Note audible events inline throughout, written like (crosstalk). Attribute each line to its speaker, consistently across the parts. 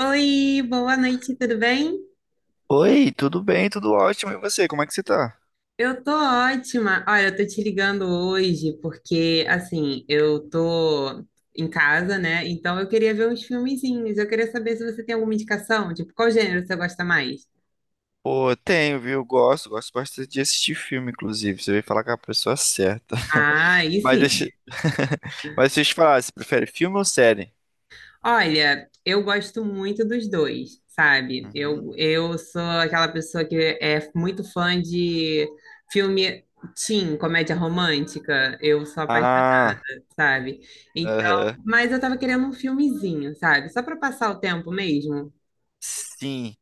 Speaker 1: Oi, boa noite, tudo bem?
Speaker 2: Oi, tudo bem? Tudo ótimo. E você, como é que você tá?
Speaker 1: Eu tô ótima. Olha, eu tô te ligando hoje porque, assim, eu tô em casa, né? Então eu queria ver uns filmezinhos. Eu queria saber se você tem alguma indicação, tipo, qual gênero você gosta mais?
Speaker 2: Pô, tenho, viu? Gosto bastante de assistir filme, inclusive. Você veio falar com a pessoa certa.
Speaker 1: Ah, aí
Speaker 2: (laughs) Mas
Speaker 1: sim.
Speaker 2: deixa... (laughs) Mas deixa eu te falar, você prefere filme ou série?
Speaker 1: Olha, eu gosto muito dos dois, sabe?
Speaker 2: Uhum.
Speaker 1: Eu sou aquela pessoa que é muito fã de filme teen, comédia romântica. Eu sou apaixonada,
Speaker 2: Ah,
Speaker 1: sabe? Então,
Speaker 2: aham.
Speaker 1: mas eu tava querendo um filmezinho, sabe? Só para passar o tempo mesmo.
Speaker 2: Sim.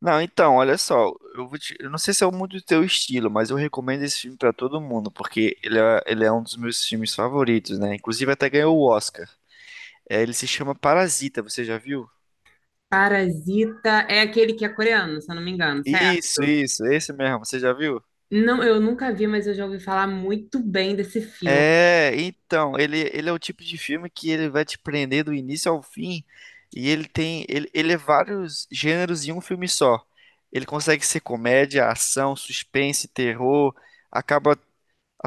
Speaker 2: Não, então, olha só, eu não sei se é muito do teu estilo, mas eu recomendo esse filme pra todo mundo, porque ele é um dos meus filmes favoritos, né? Inclusive até ganhou o Oscar. É, ele se chama Parasita, você já viu?
Speaker 1: Parasita é aquele que é coreano, se eu não me engano,
Speaker 2: Isso,
Speaker 1: certo?
Speaker 2: isso, esse mesmo, você já viu?
Speaker 1: Não, eu nunca vi, mas eu já ouvi falar muito bem desse filme.
Speaker 2: É, então, ele é o tipo de filme que ele vai te prender do início ao fim e ele é vários gêneros em um filme só. Ele consegue ser comédia, ação, suspense, terror, acaba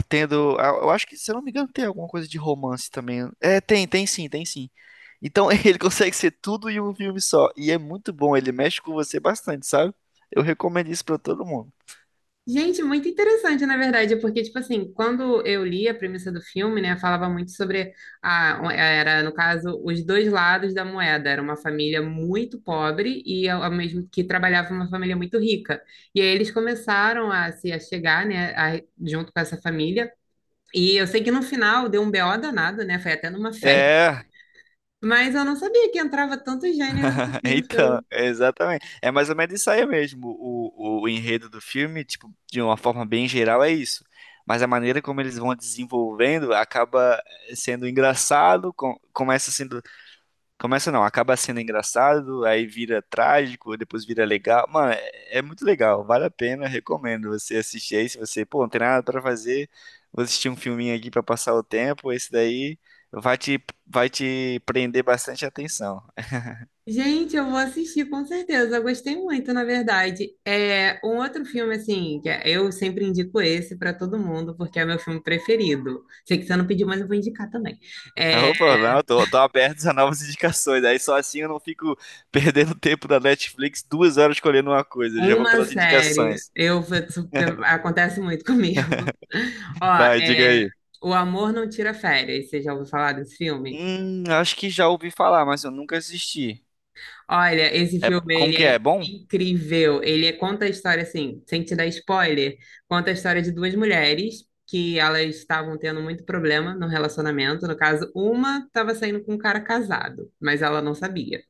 Speaker 2: tendo, eu acho que, se eu não me engano, tem alguma coisa de romance também. É, tem sim, tem sim. Então, (laughs) ele consegue ser tudo em um filme só e é muito bom, ele mexe com você bastante, sabe? Eu recomendo isso pra todo mundo.
Speaker 1: Gente, muito interessante, na verdade, porque, tipo assim, quando eu li a premissa do filme, né, falava muito sobre a, era, no caso, os dois lados da moeda. Era uma família muito pobre e ao mesmo que trabalhava uma família muito rica. E aí eles começaram a se achegar, né, junto com essa família. E eu sei que no final deu um BO danado, né? Foi até numa festa.
Speaker 2: É,
Speaker 1: (laughs) Mas eu não sabia que entrava tantos gêneros
Speaker 2: (laughs)
Speaker 1: assim no
Speaker 2: então,
Speaker 1: filme.
Speaker 2: exatamente. É mais ou menos isso aí mesmo. O enredo do filme, tipo, de uma forma bem geral, é isso. Mas a maneira como eles vão desenvolvendo acaba sendo engraçado, começa sendo. Começa não, acaba sendo engraçado, aí vira trágico, depois vira legal. Mano, é muito legal, vale a pena, recomendo você assistir aí. Se você, pô, não tem nada pra fazer, vou assistir um filminho aqui pra passar o tempo, esse daí vai te prender bastante atenção.
Speaker 1: Gente, eu vou assistir com certeza. Eu gostei muito, na verdade. É um outro filme assim, eu sempre indico esse para todo mundo porque é meu filme preferido. Sei que você não pediu, mas eu vou indicar também. É
Speaker 2: (laughs) Opa, não, tô aberto a novas indicações. Aí só assim eu não fico (laughs) perdendo tempo da Netflix 2 horas escolhendo uma coisa. Eu já vou
Speaker 1: uma
Speaker 2: pelas
Speaker 1: série.
Speaker 2: indicações.
Speaker 1: Eu
Speaker 2: (laughs)
Speaker 1: acontece muito comigo. (laughs) Ó,
Speaker 2: Vai, diga
Speaker 1: é
Speaker 2: aí.
Speaker 1: O Amor Não Tira Férias. Você já ouviu falar desse filme?
Speaker 2: Acho que já ouvi falar, mas eu nunca assisti.
Speaker 1: Olha, esse
Speaker 2: É,
Speaker 1: filme,
Speaker 2: como
Speaker 1: ele
Speaker 2: que é?
Speaker 1: é
Speaker 2: É bom?
Speaker 1: incrível. Conta a história, assim, sem te dar spoiler, conta a história de duas mulheres que elas estavam tendo muito problema no relacionamento. No caso, uma estava saindo com um cara casado, mas ela não sabia.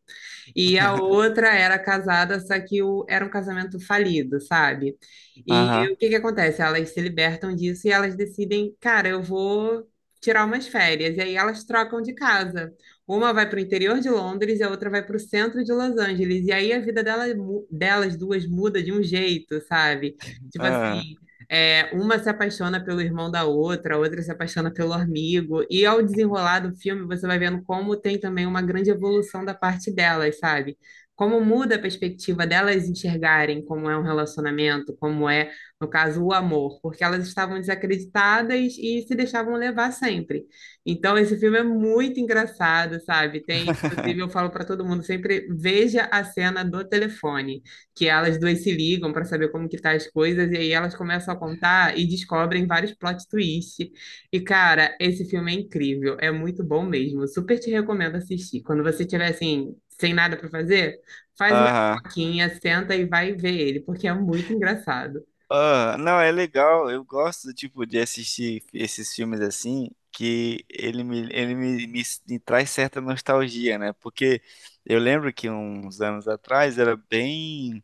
Speaker 1: E a
Speaker 2: (laughs)
Speaker 1: outra era casada, só que o, era um casamento falido, sabe? E
Speaker 2: Aham.
Speaker 1: o que que acontece? Elas se libertam disso e elas decidem, cara, eu vou tirar umas férias. E aí elas trocam de casa. Uma vai para o interior de Londres e a outra vai para o centro de Los Angeles. E aí a vida dela, delas duas muda de um jeito, sabe? Tipo
Speaker 2: Aham.
Speaker 1: assim. É, uma se apaixona pelo irmão da outra, a outra se apaixona pelo amigo, e ao desenrolar do filme você vai vendo como tem também uma grande evolução da parte delas, sabe? Como muda a perspectiva delas enxergarem como é um relacionamento, como é, no caso, o amor, porque elas estavam desacreditadas e se deixavam levar sempre. Então, esse filme é muito engraçado, sabe? Tem, inclusive, eu falo para todo mundo sempre, veja a cena do telefone que elas duas se ligam para saber como que tá as coisas, e aí elas começam a contar e descobrem vários plot twists. E, cara, esse filme é incrível, é muito bom mesmo. Super te recomendo assistir. Quando você tiver, assim, sem nada para fazer, faz uma
Speaker 2: Aham.
Speaker 1: pipoquinha, senta e vai ver ele, porque é muito engraçado.
Speaker 2: Ah, não, é legal. Eu gosto, tipo, de assistir esses filmes assim, que ele me traz certa nostalgia, né? Porque eu lembro que uns anos atrás era bem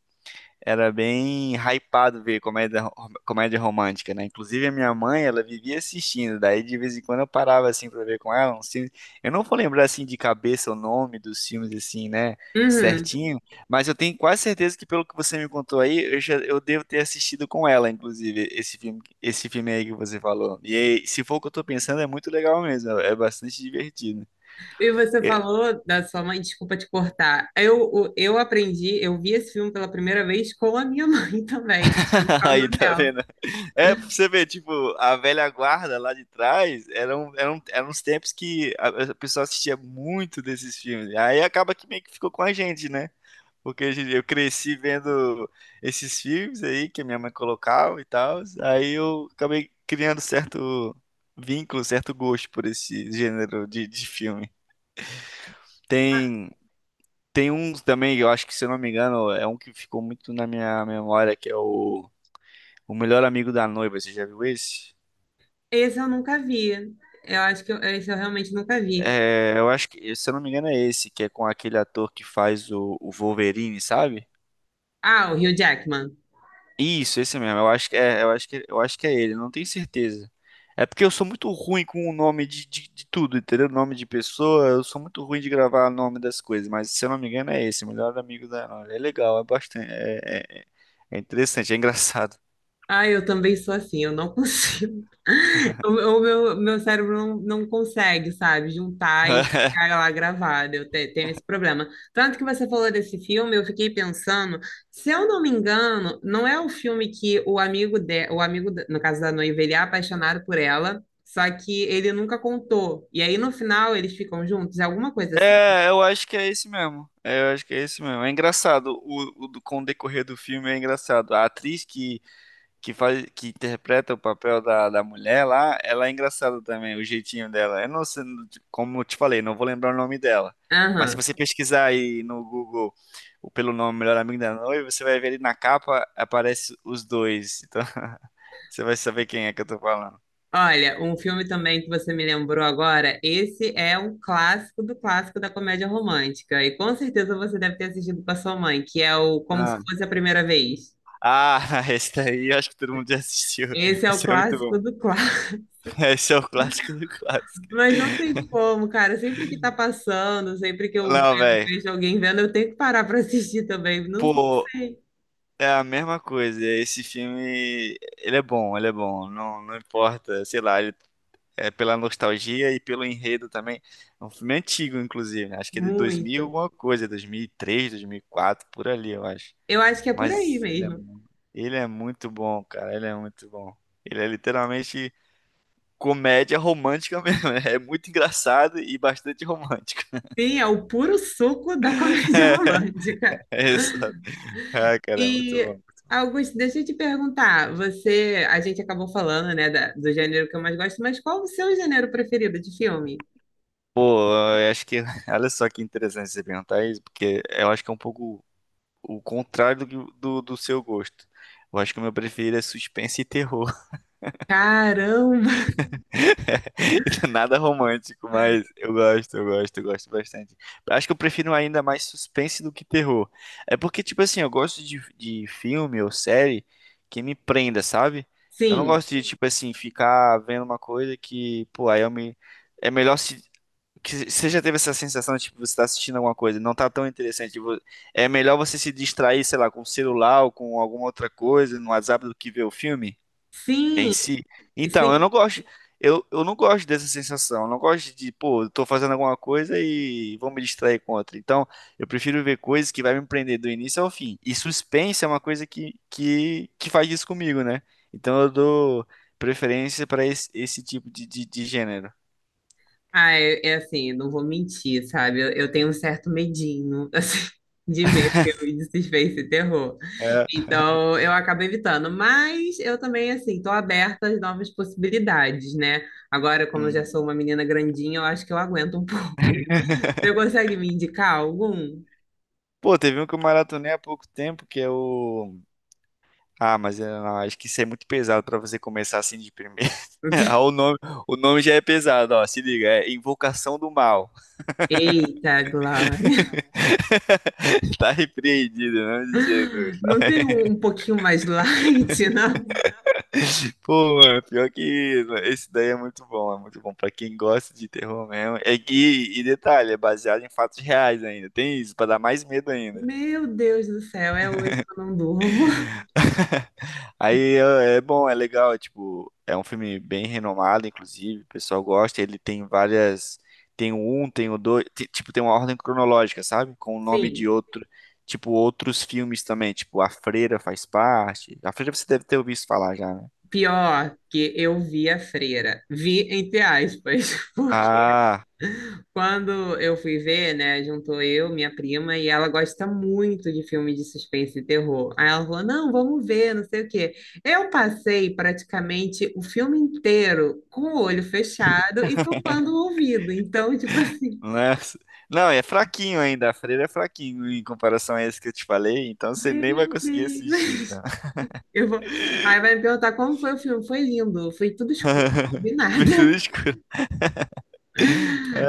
Speaker 2: era bem hypado ver comédia, comédia romântica, né? Inclusive a minha mãe, ela vivia assistindo, daí de vez em quando eu parava assim pra ver com ela uns filmes. Eu não vou lembrar assim de cabeça o nome dos filmes assim, né,
Speaker 1: Uhum.
Speaker 2: certinho, mas eu tenho quase certeza que, pelo que você me contou aí, eu devo ter assistido com ela, inclusive, esse filme aí que você falou. E aí, se for o que eu tô pensando, é muito legal mesmo, é bastante divertido.
Speaker 1: E você falou da sua mãe, desculpa te cortar. Eu aprendi, eu vi esse filme pela primeira vez com a minha (laughs) mãe também, foi por
Speaker 2: (laughs)
Speaker 1: causa
Speaker 2: Aí, tá
Speaker 1: dela.
Speaker 2: vendo? É, pra você ver, tipo, a velha guarda lá de trás, eram uns tempos que a pessoa assistia muito desses filmes. Aí acaba que meio que ficou com a gente, né? Porque eu cresci vendo esses filmes aí que a minha mãe colocava e tal. Aí eu acabei criando certo vínculo, certo gosto por esse gênero de filme. Tem, tem uns também, eu acho que, se eu não me engano, é um que ficou muito na minha memória, que é o Melhor Amigo da Noiva. Você já viu esse?
Speaker 1: Esse eu nunca vi. Eu acho que eu- Esse eu realmente nunca vi.
Speaker 2: É, eu acho que, se eu não me engano, é esse, que é com aquele ator que faz o Wolverine, sabe?
Speaker 1: Ah, o Hugh Jackman.
Speaker 2: Isso, esse mesmo. Eu acho que é, eu acho que é ele, não tenho certeza. É porque eu sou muito ruim com o nome de tudo, entendeu? Nome de pessoa, eu sou muito ruim de gravar o nome das coisas, mas se eu não me engano é esse, Melhor Amigo da Nora. É legal, é bastante, é interessante, é engraçado.
Speaker 1: Ah, eu também sou assim, eu não consigo. (laughs) Meu cérebro não consegue, sabe, juntar e ficar
Speaker 2: (laughs)
Speaker 1: lá gravado. Tenho esse problema. Tanto que você falou desse filme, eu fiquei pensando, se eu não me engano, não é o filme que o amigo de, o amigo, no caso da noiva, ele é apaixonado por ela, só que ele nunca contou. E aí no final eles ficam juntos, é alguma coisa assim.
Speaker 2: É, eu acho que é esse mesmo. É, eu acho que é esse mesmo. É engraçado, com o decorrer do filme é engraçado. A atriz que interpreta o papel da mulher lá, ela é engraçada também, o jeitinho dela. Eu não sei, como eu te falei, não vou lembrar o nome dela. Mas se
Speaker 1: Aham.
Speaker 2: você pesquisar aí no Google pelo nome Melhor Amigo da Noiva, você vai ver ali na capa aparece os dois. Então, (laughs) você vai saber quem é que eu tô falando.
Speaker 1: Olha, um filme também que você me lembrou agora, esse é um clássico do clássico da comédia romântica. E com certeza você deve ter assistido com a sua mãe, que é o Como se
Speaker 2: Ah,
Speaker 1: fosse a primeira vez.
Speaker 2: ah, (laughs) esse daí eu acho que todo mundo já assistiu.
Speaker 1: Esse
Speaker 2: (laughs)
Speaker 1: é o
Speaker 2: Esse é muito bom.
Speaker 1: clássico do clássico.
Speaker 2: Esse é o clássico do clássico.
Speaker 1: (laughs) Mas não tem como, cara. Sempre que tá passando, sempre que eu
Speaker 2: Não, velho.
Speaker 1: vejo alguém vendo, eu tenho que parar para assistir também. Não
Speaker 2: Pô,
Speaker 1: sei,
Speaker 2: é a mesma coisa. Esse filme, ele é bom, ele é bom. Não, não importa, sei lá, é pela nostalgia e pelo enredo também. É um filme antigo, inclusive, né? Acho que é de 2000
Speaker 1: muito.
Speaker 2: alguma coisa, 2003, 2004, por ali, eu acho.
Speaker 1: Eu acho que é por aí
Speaker 2: Mas
Speaker 1: mesmo.
Speaker 2: ele é muito bom, cara, ele é muito bom. Ele é literalmente comédia romântica mesmo. (laughs) É muito engraçado e bastante romântico.
Speaker 1: Sim, é o puro suco da comédia (laughs) romântica.
Speaker 2: (laughs) É, isso. Ah, cara, é muito
Speaker 1: E,
Speaker 2: bom.
Speaker 1: Augusto, deixa eu te perguntar, você, a gente acabou falando, né, do gênero que eu mais gosto, mas qual o seu gênero preferido de filme?
Speaker 2: Pô, eu acho que, (laughs) olha só que interessante você perguntar isso, porque eu acho que é um pouco o contrário do seu gosto. Eu acho que o meu preferido é suspense e terror.
Speaker 1: Caramba!
Speaker 2: (laughs) Nada romântico, mas eu gosto bastante. Eu acho que eu prefiro ainda mais suspense do que terror. É porque, tipo assim, eu gosto de filme ou série que me prenda, sabe? Eu não
Speaker 1: Sim,
Speaker 2: gosto de, tipo assim, ficar vendo uma coisa que, pô, aí eu me. É melhor se. Que você já teve essa sensação de tipo, você tá assistindo alguma coisa, e não tá tão interessante. Tipo, é melhor você se distrair, sei lá, com o celular ou com alguma outra coisa no WhatsApp do que ver o filme em
Speaker 1: sim,
Speaker 2: si. Então, eu
Speaker 1: sim.
Speaker 2: não gosto, eu não gosto dessa sensação. Eu não gosto de, pô, eu tô fazendo alguma coisa e vou me distrair com outra. Então, eu prefiro ver coisas que vai me prender do início ao fim. E suspense é uma coisa que faz isso comigo, né? Então eu dou preferência para esse tipo de gênero.
Speaker 1: Ah, é, é assim, não vou mentir, sabe? Eu tenho um certo medinho, (laughs) assim, de ver filme de suspense e terror.
Speaker 2: É.
Speaker 1: Então, eu acabo evitando, mas eu também, assim, tô aberta às novas possibilidades, né? Agora, como eu já
Speaker 2: Uhum.
Speaker 1: sou uma menina grandinha, eu acho que eu aguento um (laughs) pouco.
Speaker 2: (laughs)
Speaker 1: Você consegue me indicar algum?
Speaker 2: Pô, teve um que eu maratonei há pouco tempo, que é o. Ah, mas eu não, acho que isso é muito pesado pra você começar assim de primeira. (laughs) Ah, o nome, já é pesado, ó. Se liga, é Invocação do Mal.
Speaker 1: Eita, Glória.
Speaker 2: (laughs) Tá repreendido, em nome de Jesus.
Speaker 1: Não tem um, um pouquinho mais light, (laughs) não?
Speaker 2: Pô, mano, pior que isso. Esse daí é muito bom pra quem gosta de terror mesmo. E detalhe, é baseado em fatos reais ainda. Tem isso, pra dar mais medo ainda.
Speaker 1: Meu Deus do céu, é hoje que eu não durmo.
Speaker 2: (laughs) Aí é bom, é legal, é, tipo, é um filme bem renomado, inclusive, o pessoal gosta, ele tem várias, tem o um, tem o dois, tipo, tem uma ordem cronológica, sabe? Com o nome de
Speaker 1: Sim,
Speaker 2: outro, tipo, outros filmes também, tipo, A Freira faz parte. A Freira você deve ter ouvido falar já, né?
Speaker 1: pior que eu vi a freira. Vi entre aspas, (laughs) porque
Speaker 2: Ah,
Speaker 1: quando eu fui ver, né, juntou eu, minha prima, e ela gosta muito de filme de suspense e terror. Aí ela falou: não, vamos ver, não sei o quê. Eu passei praticamente o filme inteiro com o olho fechado e tampando o ouvido. Então, tipo assim,
Speaker 2: né? (laughs) Não, é fraquinho ainda, A Freira é fraquinho em comparação a esse que eu te falei, então você nem vai
Speaker 1: meu
Speaker 2: conseguir assistir, então.
Speaker 1: Deus. (laughs) Eu vou... Aí vai me perguntar como foi o filme. Foi lindo, foi tudo escuro, não
Speaker 2: (laughs)
Speaker 1: vi
Speaker 2: Abertura
Speaker 1: nada. (laughs)
Speaker 2: escura. Ai,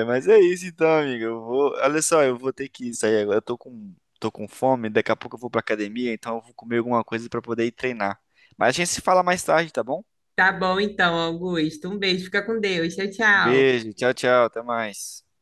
Speaker 2: ai, mas é isso então, amiga. Eu vou, olha só, eu vou ter que sair agora. Eu tô com fome, daqui a pouco eu vou pra academia, então eu vou comer alguma coisa pra poder ir treinar. Mas a gente se fala mais tarde, tá bom?
Speaker 1: Tá bom, então, Augusto. Um beijo, fica com Deus. Tchau,
Speaker 2: Um
Speaker 1: tchau.
Speaker 2: beijo, tchau, tchau, até mais.